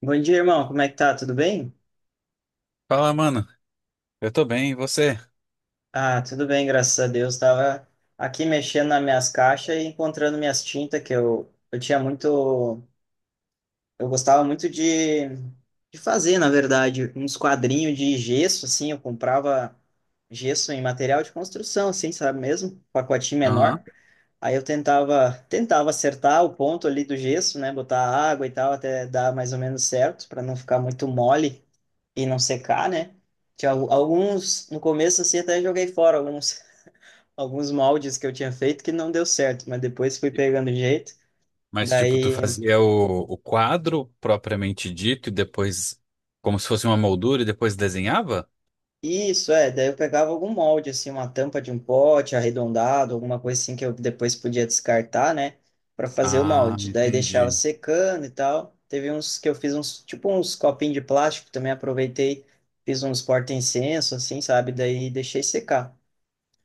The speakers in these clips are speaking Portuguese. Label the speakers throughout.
Speaker 1: Bom dia, irmão. Como é que tá? Tudo bem?
Speaker 2: Fala, mano. Eu tô bem, e você?
Speaker 1: Ah, tudo bem, graças a Deus. Tava aqui mexendo nas minhas caixas e encontrando minhas tintas que eu tinha muito, eu gostava muito de fazer, na verdade, uns quadrinhos de gesso, assim, eu comprava gesso em material de construção, assim, sabe mesmo? Pacotinho
Speaker 2: Aham.
Speaker 1: menor. Aí eu tentava acertar o ponto ali do gesso, né? Botar água e tal, até dar mais ou menos certo, para não ficar muito mole e não secar, né? Tinha alguns, no começo assim, até joguei fora alguns, alguns moldes que eu tinha feito que não deu certo, mas depois fui pegando jeito.
Speaker 2: Mas, tipo, tu
Speaker 1: Daí,
Speaker 2: fazia o quadro propriamente dito e depois, como se fosse uma moldura e depois desenhava?
Speaker 1: isso é, daí eu pegava algum molde, assim, uma tampa de um pote arredondado, alguma coisa assim que eu depois podia descartar, né, para fazer o
Speaker 2: Ah,
Speaker 1: molde. Daí deixava
Speaker 2: entendi.
Speaker 1: secando e tal. Teve uns que eu fiz uns, tipo uns copinhos de plástico, também aproveitei, fiz uns porta-incenso, assim, sabe? Daí deixei secar.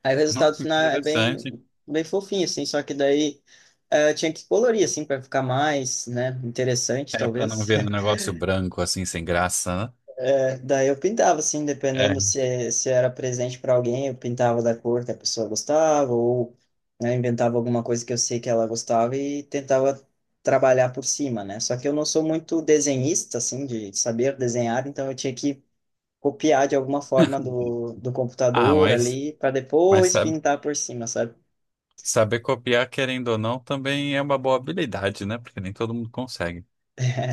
Speaker 1: Aí o
Speaker 2: Não,
Speaker 1: resultado
Speaker 2: que
Speaker 1: final é bem,
Speaker 2: interessante.
Speaker 1: bem fofinho, assim, só que daí eu tinha que colorir, assim, para ficar mais, né, interessante,
Speaker 2: É pra não
Speaker 1: talvez.
Speaker 2: virar um negócio branco assim, sem graça, né?
Speaker 1: Daí eu pintava, assim, dependendo
Speaker 2: É.
Speaker 1: se era presente para alguém, eu pintava da cor que a pessoa gostava, ou né, inventava alguma coisa que eu sei que ela gostava e tentava trabalhar por cima, né? Só que eu não sou muito desenhista, assim, de saber desenhar, então eu tinha que copiar de alguma forma do
Speaker 2: Ah,
Speaker 1: computador
Speaker 2: mas,
Speaker 1: ali, para
Speaker 2: mas
Speaker 1: depois
Speaker 2: sa-
Speaker 1: pintar por cima, sabe?
Speaker 2: saber copiar, querendo ou não, também é uma boa habilidade, né? Porque nem todo mundo consegue.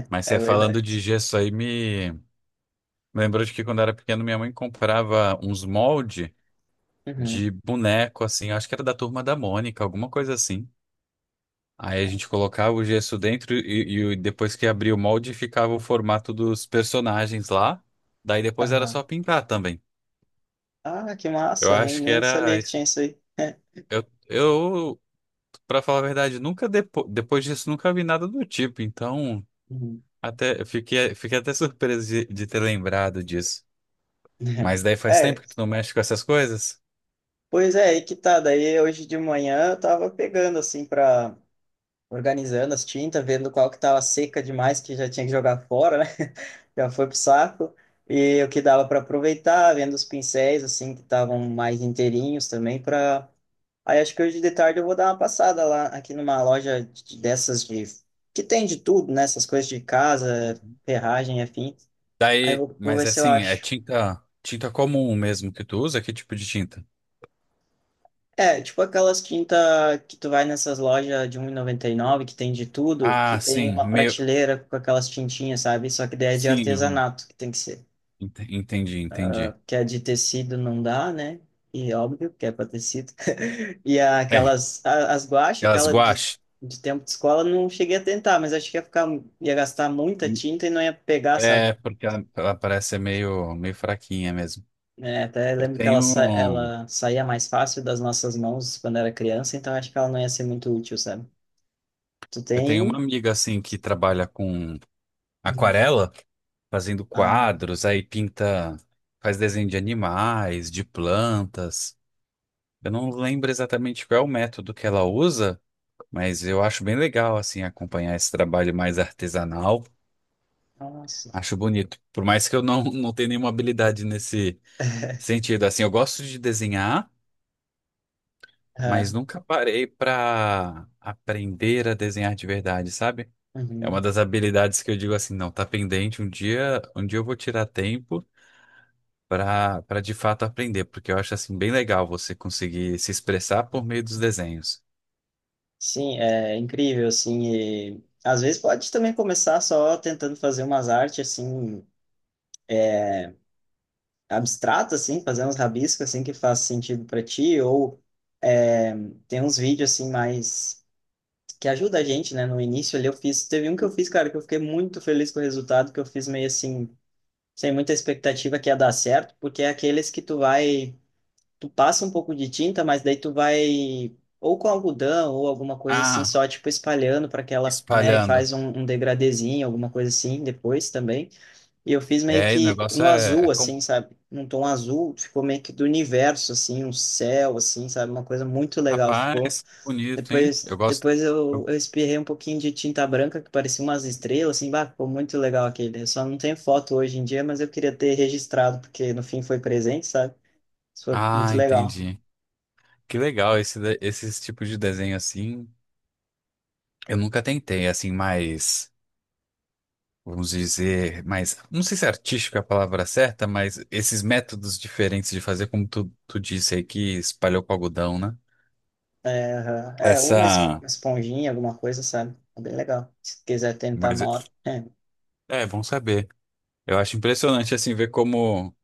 Speaker 2: Mas
Speaker 1: É
Speaker 2: você falando
Speaker 1: verdade.
Speaker 2: de gesso aí, me lembrou de que quando eu era pequeno, minha mãe comprava uns moldes
Speaker 1: Uhum.
Speaker 2: de boneco, assim, acho que era da Turma da Mônica, alguma coisa assim. Aí a gente colocava o gesso dentro e depois que abria o molde ficava o formato dos personagens lá. Daí depois era
Speaker 1: Aham.
Speaker 2: só pintar também.
Speaker 1: Ah, que
Speaker 2: Eu
Speaker 1: massa,
Speaker 2: acho que
Speaker 1: nem sabia
Speaker 2: era.
Speaker 1: que
Speaker 2: Es-
Speaker 1: tinha isso aí.
Speaker 2: Eu, para falar a verdade, nunca depois disso nunca vi nada do tipo. Então,
Speaker 1: Uhum.
Speaker 2: até eu fiquei até surpreso de ter lembrado disso. Mas daí faz tempo
Speaker 1: É,
Speaker 2: que tu não mexe com essas coisas?
Speaker 1: pois é, aí que tá. Daí hoje de manhã eu tava pegando assim pra organizando as tintas, vendo qual que tava seca demais que já tinha que jogar fora, né? Já foi pro saco. E o que dava para aproveitar, vendo os pincéis assim que estavam mais inteirinhos também para aí acho que hoje de tarde eu vou dar uma passada lá aqui numa loja dessas de que tem de tudo, né? Essas coisas de casa, ferragem, afim. Aí eu
Speaker 2: Daí,
Speaker 1: vou
Speaker 2: mas
Speaker 1: ver
Speaker 2: é
Speaker 1: se eu
Speaker 2: assim, é
Speaker 1: acho.
Speaker 2: tinta comum mesmo que tu usa? Que tipo de tinta?
Speaker 1: É, tipo aquelas quinta que tu vai nessas lojas de um e noventa e nove que tem de tudo, que
Speaker 2: Ah,
Speaker 1: tem
Speaker 2: sim,
Speaker 1: uma
Speaker 2: meio,
Speaker 1: prateleira com aquelas tintinhas, sabe? Só que daí é de
Speaker 2: sim,
Speaker 1: artesanato que tem que ser.
Speaker 2: entendi, entendi.
Speaker 1: Que é de tecido não dá, né? E óbvio que é para tecido. E
Speaker 2: É,
Speaker 1: aquelas, as guache,
Speaker 2: aquelas
Speaker 1: aquela
Speaker 2: guache.
Speaker 1: de tempo de escola, não cheguei a tentar, mas acho que ia ficar, ia gastar muita tinta e não ia pegar, sabe?
Speaker 2: É, porque ela parece ser meio, meio fraquinha mesmo.
Speaker 1: É, até
Speaker 2: Eu
Speaker 1: lembro que ela,
Speaker 2: tenho,
Speaker 1: ela saía mais fácil das nossas mãos quando era criança, então acho que ela não ia ser muito útil, sabe? Tu
Speaker 2: eu tenho uma
Speaker 1: tem?
Speaker 2: amiga assim que trabalha com
Speaker 1: Uhum.
Speaker 2: aquarela, fazendo
Speaker 1: Ah,
Speaker 2: quadros, aí pinta, faz desenho de animais, de plantas. Eu não lembro exatamente qual é o método que ela usa. Mas eu acho bem legal, assim, acompanhar esse trabalho mais artesanal.
Speaker 1: nossa.
Speaker 2: Acho bonito. Por mais que eu não tenha nenhuma habilidade nesse sentido. Assim, eu gosto de desenhar, mas
Speaker 1: Ah,
Speaker 2: nunca parei para aprender a desenhar de verdade, sabe? É uma
Speaker 1: uhum.
Speaker 2: das habilidades que eu digo assim, não, tá pendente. Um dia eu vou tirar tempo para de fato aprender, porque eu acho assim bem legal você conseguir se expressar por meio dos desenhos.
Speaker 1: Sim, é incrível, assim, e às vezes pode também começar só tentando fazer umas artes, assim, abstratas, assim, fazer uns rabiscos, assim, que faz sentido para ti, ou é, tem uns vídeos, assim, mais, que ajuda a gente, né, no início ali eu fiz, teve um que eu fiz, cara, que eu fiquei muito feliz com o resultado, que eu fiz meio assim, sem muita expectativa que ia dar certo, porque é aqueles que tu vai tu passa um pouco de tinta, mas daí tu vai ou com algodão ou alguma coisa assim,
Speaker 2: Ah,
Speaker 1: só tipo espalhando para que ela, né, e
Speaker 2: espalhando.
Speaker 1: faz um, um degradezinho, alguma coisa assim depois também. E eu fiz meio
Speaker 2: É, o
Speaker 1: que
Speaker 2: negócio
Speaker 1: no azul,
Speaker 2: é
Speaker 1: assim,
Speaker 2: complexo.
Speaker 1: sabe? Num tom azul, ficou meio que do universo, assim, um céu, assim, sabe? Uma coisa muito legal ficou.
Speaker 2: Rapaz, que bonito, hein?
Speaker 1: Depois,
Speaker 2: Eu gosto.
Speaker 1: depois eu,
Speaker 2: eu-
Speaker 1: eu espirrei um pouquinho de tinta branca, que parecia umas estrelas, assim, bah, ficou muito legal aquele. Eu só não tenho foto hoje em dia, mas eu queria ter registrado, porque no fim foi presente, sabe? Isso foi
Speaker 2: Ah,
Speaker 1: muito legal.
Speaker 2: entendi. Que legal esse, esses tipos de desenho assim. Eu nunca tentei, assim, mais, vamos dizer, mais, não sei se artístico é a palavra certa, mas esses métodos diferentes de fazer, como tu disse aí, que espalhou com algodão, né?
Speaker 1: É, aham. é uma,
Speaker 2: Essa.
Speaker 1: uma esponjinha, alguma coisa, sabe? É bem legal. Se quiser tentar
Speaker 2: Mas
Speaker 1: uma hora. É.
Speaker 2: é bom saber. Eu acho impressionante, assim, ver como.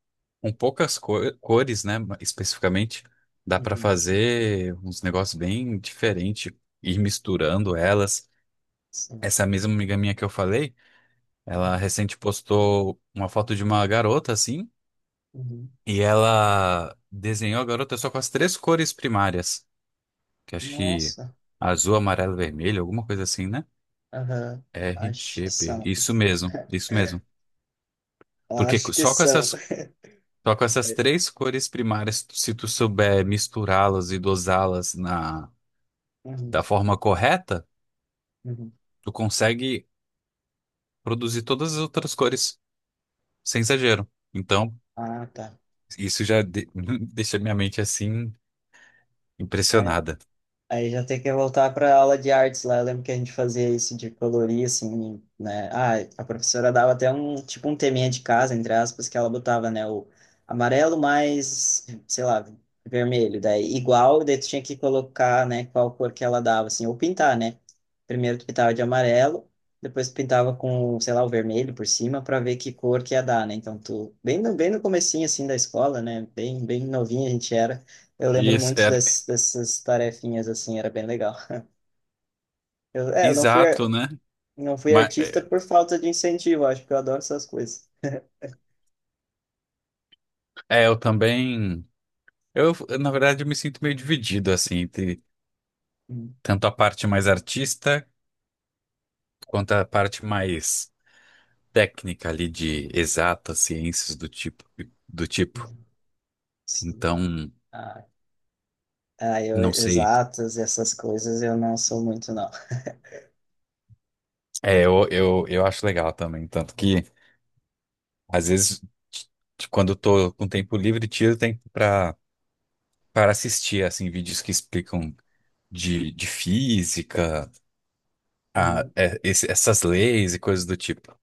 Speaker 2: Com poucas cores, né? Especificamente, dá pra
Speaker 1: Uhum.
Speaker 2: fazer uns negócios bem diferentes, ir misturando elas.
Speaker 1: Sim.
Speaker 2: Essa mesma amiga minha que eu falei, ela
Speaker 1: Uhum.
Speaker 2: recente postou uma foto de uma garota assim,
Speaker 1: Uhum.
Speaker 2: e ela desenhou a garota só com as três cores primárias, que acho que
Speaker 1: Nossa.
Speaker 2: azul, amarelo, vermelho, alguma coisa assim, né?
Speaker 1: Aham.
Speaker 2: R,
Speaker 1: Acho que
Speaker 2: G, P.
Speaker 1: são.
Speaker 2: Isso mesmo, isso mesmo. Porque
Speaker 1: Acho que são.
Speaker 2: só com essas três cores primárias, se tu souber misturá-las e dosá-las na
Speaker 1: Uhum.
Speaker 2: da forma correta,
Speaker 1: Uhum.
Speaker 2: tu consegue produzir todas as outras cores, sem exagero. Então,
Speaker 1: Ah, tá.
Speaker 2: isso deixa minha mente assim
Speaker 1: É.
Speaker 2: impressionada.
Speaker 1: Aí já tem que voltar para aula de artes lá. Eu lembro que a gente fazia isso de colorir, assim, né? Ah, a professora dava até um, tipo, um teminha de casa, entre aspas, que ela botava, né? O amarelo mais, sei lá, vermelho. Daí igual, daí tu tinha que colocar, né? Qual cor que ela dava, assim, ou pintar, né? Primeiro tu pintava de amarelo, depois tu pintava com, sei lá, o vermelho por cima para ver que cor que ia dar, né? Então tu, bem no comecinho, assim, da escola, né? Bem novinho a gente era. Eu
Speaker 2: E
Speaker 1: lembro
Speaker 2: isso
Speaker 1: muito
Speaker 2: era
Speaker 1: dessas tarefinhas, assim, era bem legal. Eu não fui,
Speaker 2: exato, né?
Speaker 1: não fui
Speaker 2: Mas
Speaker 1: artista por falta de incentivo, acho que eu adoro essas coisas.
Speaker 2: eu também, eu na verdade eu me sinto meio dividido assim entre
Speaker 1: Hum,
Speaker 2: tanto a parte mais artista quanto a parte mais técnica ali de exatas ciências do tipo.
Speaker 1: Sim.
Speaker 2: Então,
Speaker 1: Ah, eu,
Speaker 2: não sei.
Speaker 1: exatas, essas coisas eu não sou muito, não.
Speaker 2: É, eu acho legal também, tanto que às vezes, quando eu tô com tempo livre, tiro tempo para assistir assim vídeos que explicam de física,
Speaker 1: Uhum.
Speaker 2: essas leis e coisas do tipo.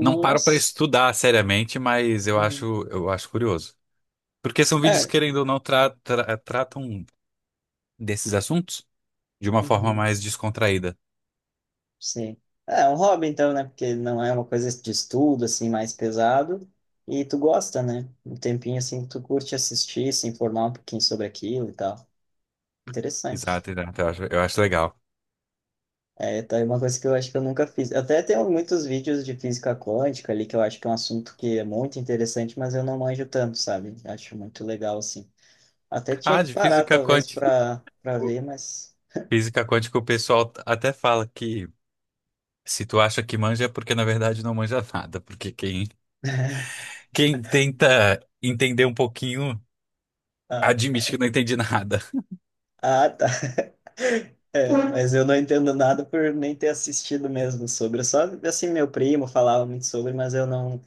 Speaker 2: Não paro para estudar seriamente, mas
Speaker 1: Uhum.
Speaker 2: eu acho curioso. Porque são vídeos que,
Speaker 1: É.
Speaker 2: querendo ou não, tratam desses assuntos de uma forma
Speaker 1: Uhum.
Speaker 2: mais descontraída.
Speaker 1: Sim. É é um hobby, então, né? Porque não é uma coisa de estudo, assim, mais pesado. E tu gosta, né? Um tempinho, assim, que tu curte assistir, se informar um pouquinho sobre aquilo e tal. Interessante.
Speaker 2: Exato, eu acho legal.
Speaker 1: É, tá aí uma coisa que eu acho que eu nunca fiz. Até tenho muitos vídeos de física quântica ali, que eu acho que é um assunto que é muito interessante, mas eu não manjo tanto, sabe? Acho muito legal, assim. Até tinha
Speaker 2: Ah,
Speaker 1: que
Speaker 2: de
Speaker 1: parar,
Speaker 2: física
Speaker 1: talvez,
Speaker 2: quântica.
Speaker 1: para ver, mas.
Speaker 2: Física quântica, o pessoal até fala que, se tu acha que manja é porque na verdade não manja nada, porque quem tenta entender um pouquinho
Speaker 1: Ah,
Speaker 2: admite que não entende nada.
Speaker 1: ah, tá. É, mas eu não entendo nada por nem ter assistido mesmo sobre. Só, assim, meu primo falava muito sobre, mas eu não.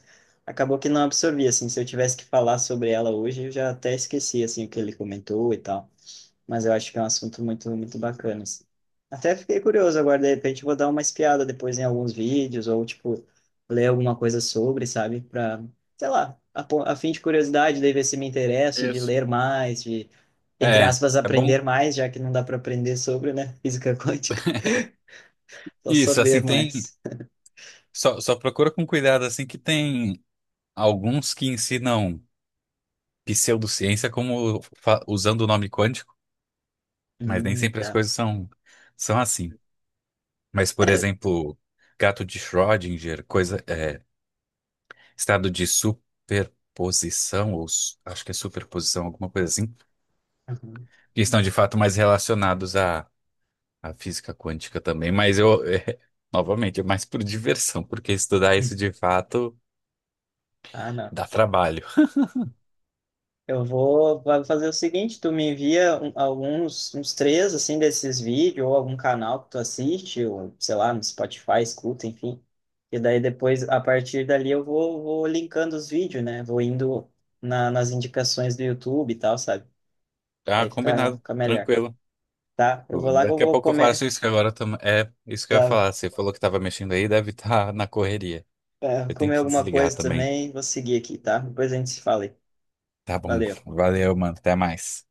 Speaker 1: Acabou que não absorvi, assim. Se eu tivesse que falar sobre ela hoje, eu já até esqueci, assim, o que ele comentou e tal. Mas eu acho que é um assunto muito bacana, assim. Até fiquei curioso agora, de repente eu vou dar uma espiada depois em alguns vídeos, ou, tipo, ler alguma coisa sobre, sabe? Pra, sei lá, a fim de curiosidade, daí ver se me interesso, de
Speaker 2: Isso.
Speaker 1: ler mais, de, entre
Speaker 2: É,
Speaker 1: aspas,
Speaker 2: é bom.
Speaker 1: aprender mais, já que não dá para aprender sobre, né? Física quântica, só
Speaker 2: Isso,
Speaker 1: saber
Speaker 2: assim, tem.
Speaker 1: mais.
Speaker 2: Só procura com cuidado, assim, que tem alguns que ensinam pseudociência como usando o nome quântico, mas nem sempre as
Speaker 1: Tá.
Speaker 2: coisas são assim. Mas, por exemplo, gato de Schrödinger, coisa, é, estado de superposição, ou acho que é superposição, alguma coisa assim,
Speaker 1: Uhum.
Speaker 2: que estão de fato mais relacionados à, à física quântica também, mas eu, é, novamente, é mais por diversão, porque estudar isso de fato
Speaker 1: Ah, não.
Speaker 2: dá trabalho.
Speaker 1: Eu vou vai fazer o seguinte, tu me envia alguns, uns três, assim, desses vídeos, ou algum canal que tu assiste, ou, sei lá, no Spotify, escuta, enfim. E daí depois, a partir dali, eu vou linkando os vídeos, né? Vou indo nas indicações do YouTube e tal, sabe?
Speaker 2: Ah,
Speaker 1: Aí
Speaker 2: combinado,
Speaker 1: fica melhor,
Speaker 2: tranquilo.
Speaker 1: tá? Eu vou lá que eu
Speaker 2: Daqui a
Speaker 1: vou
Speaker 2: pouco eu
Speaker 1: comer,
Speaker 2: faço isso que agora também é isso que eu ia
Speaker 1: tá?
Speaker 2: falar. Você falou que estava mexendo aí, deve estar na correria.
Speaker 1: É,
Speaker 2: Eu tenho
Speaker 1: comer
Speaker 2: que
Speaker 1: alguma
Speaker 2: desligar
Speaker 1: coisa
Speaker 2: também.
Speaker 1: também, vou seguir aqui, tá? Depois a gente se fala aí.
Speaker 2: Tá bom,
Speaker 1: Valeu.
Speaker 2: valeu, mano, até mais.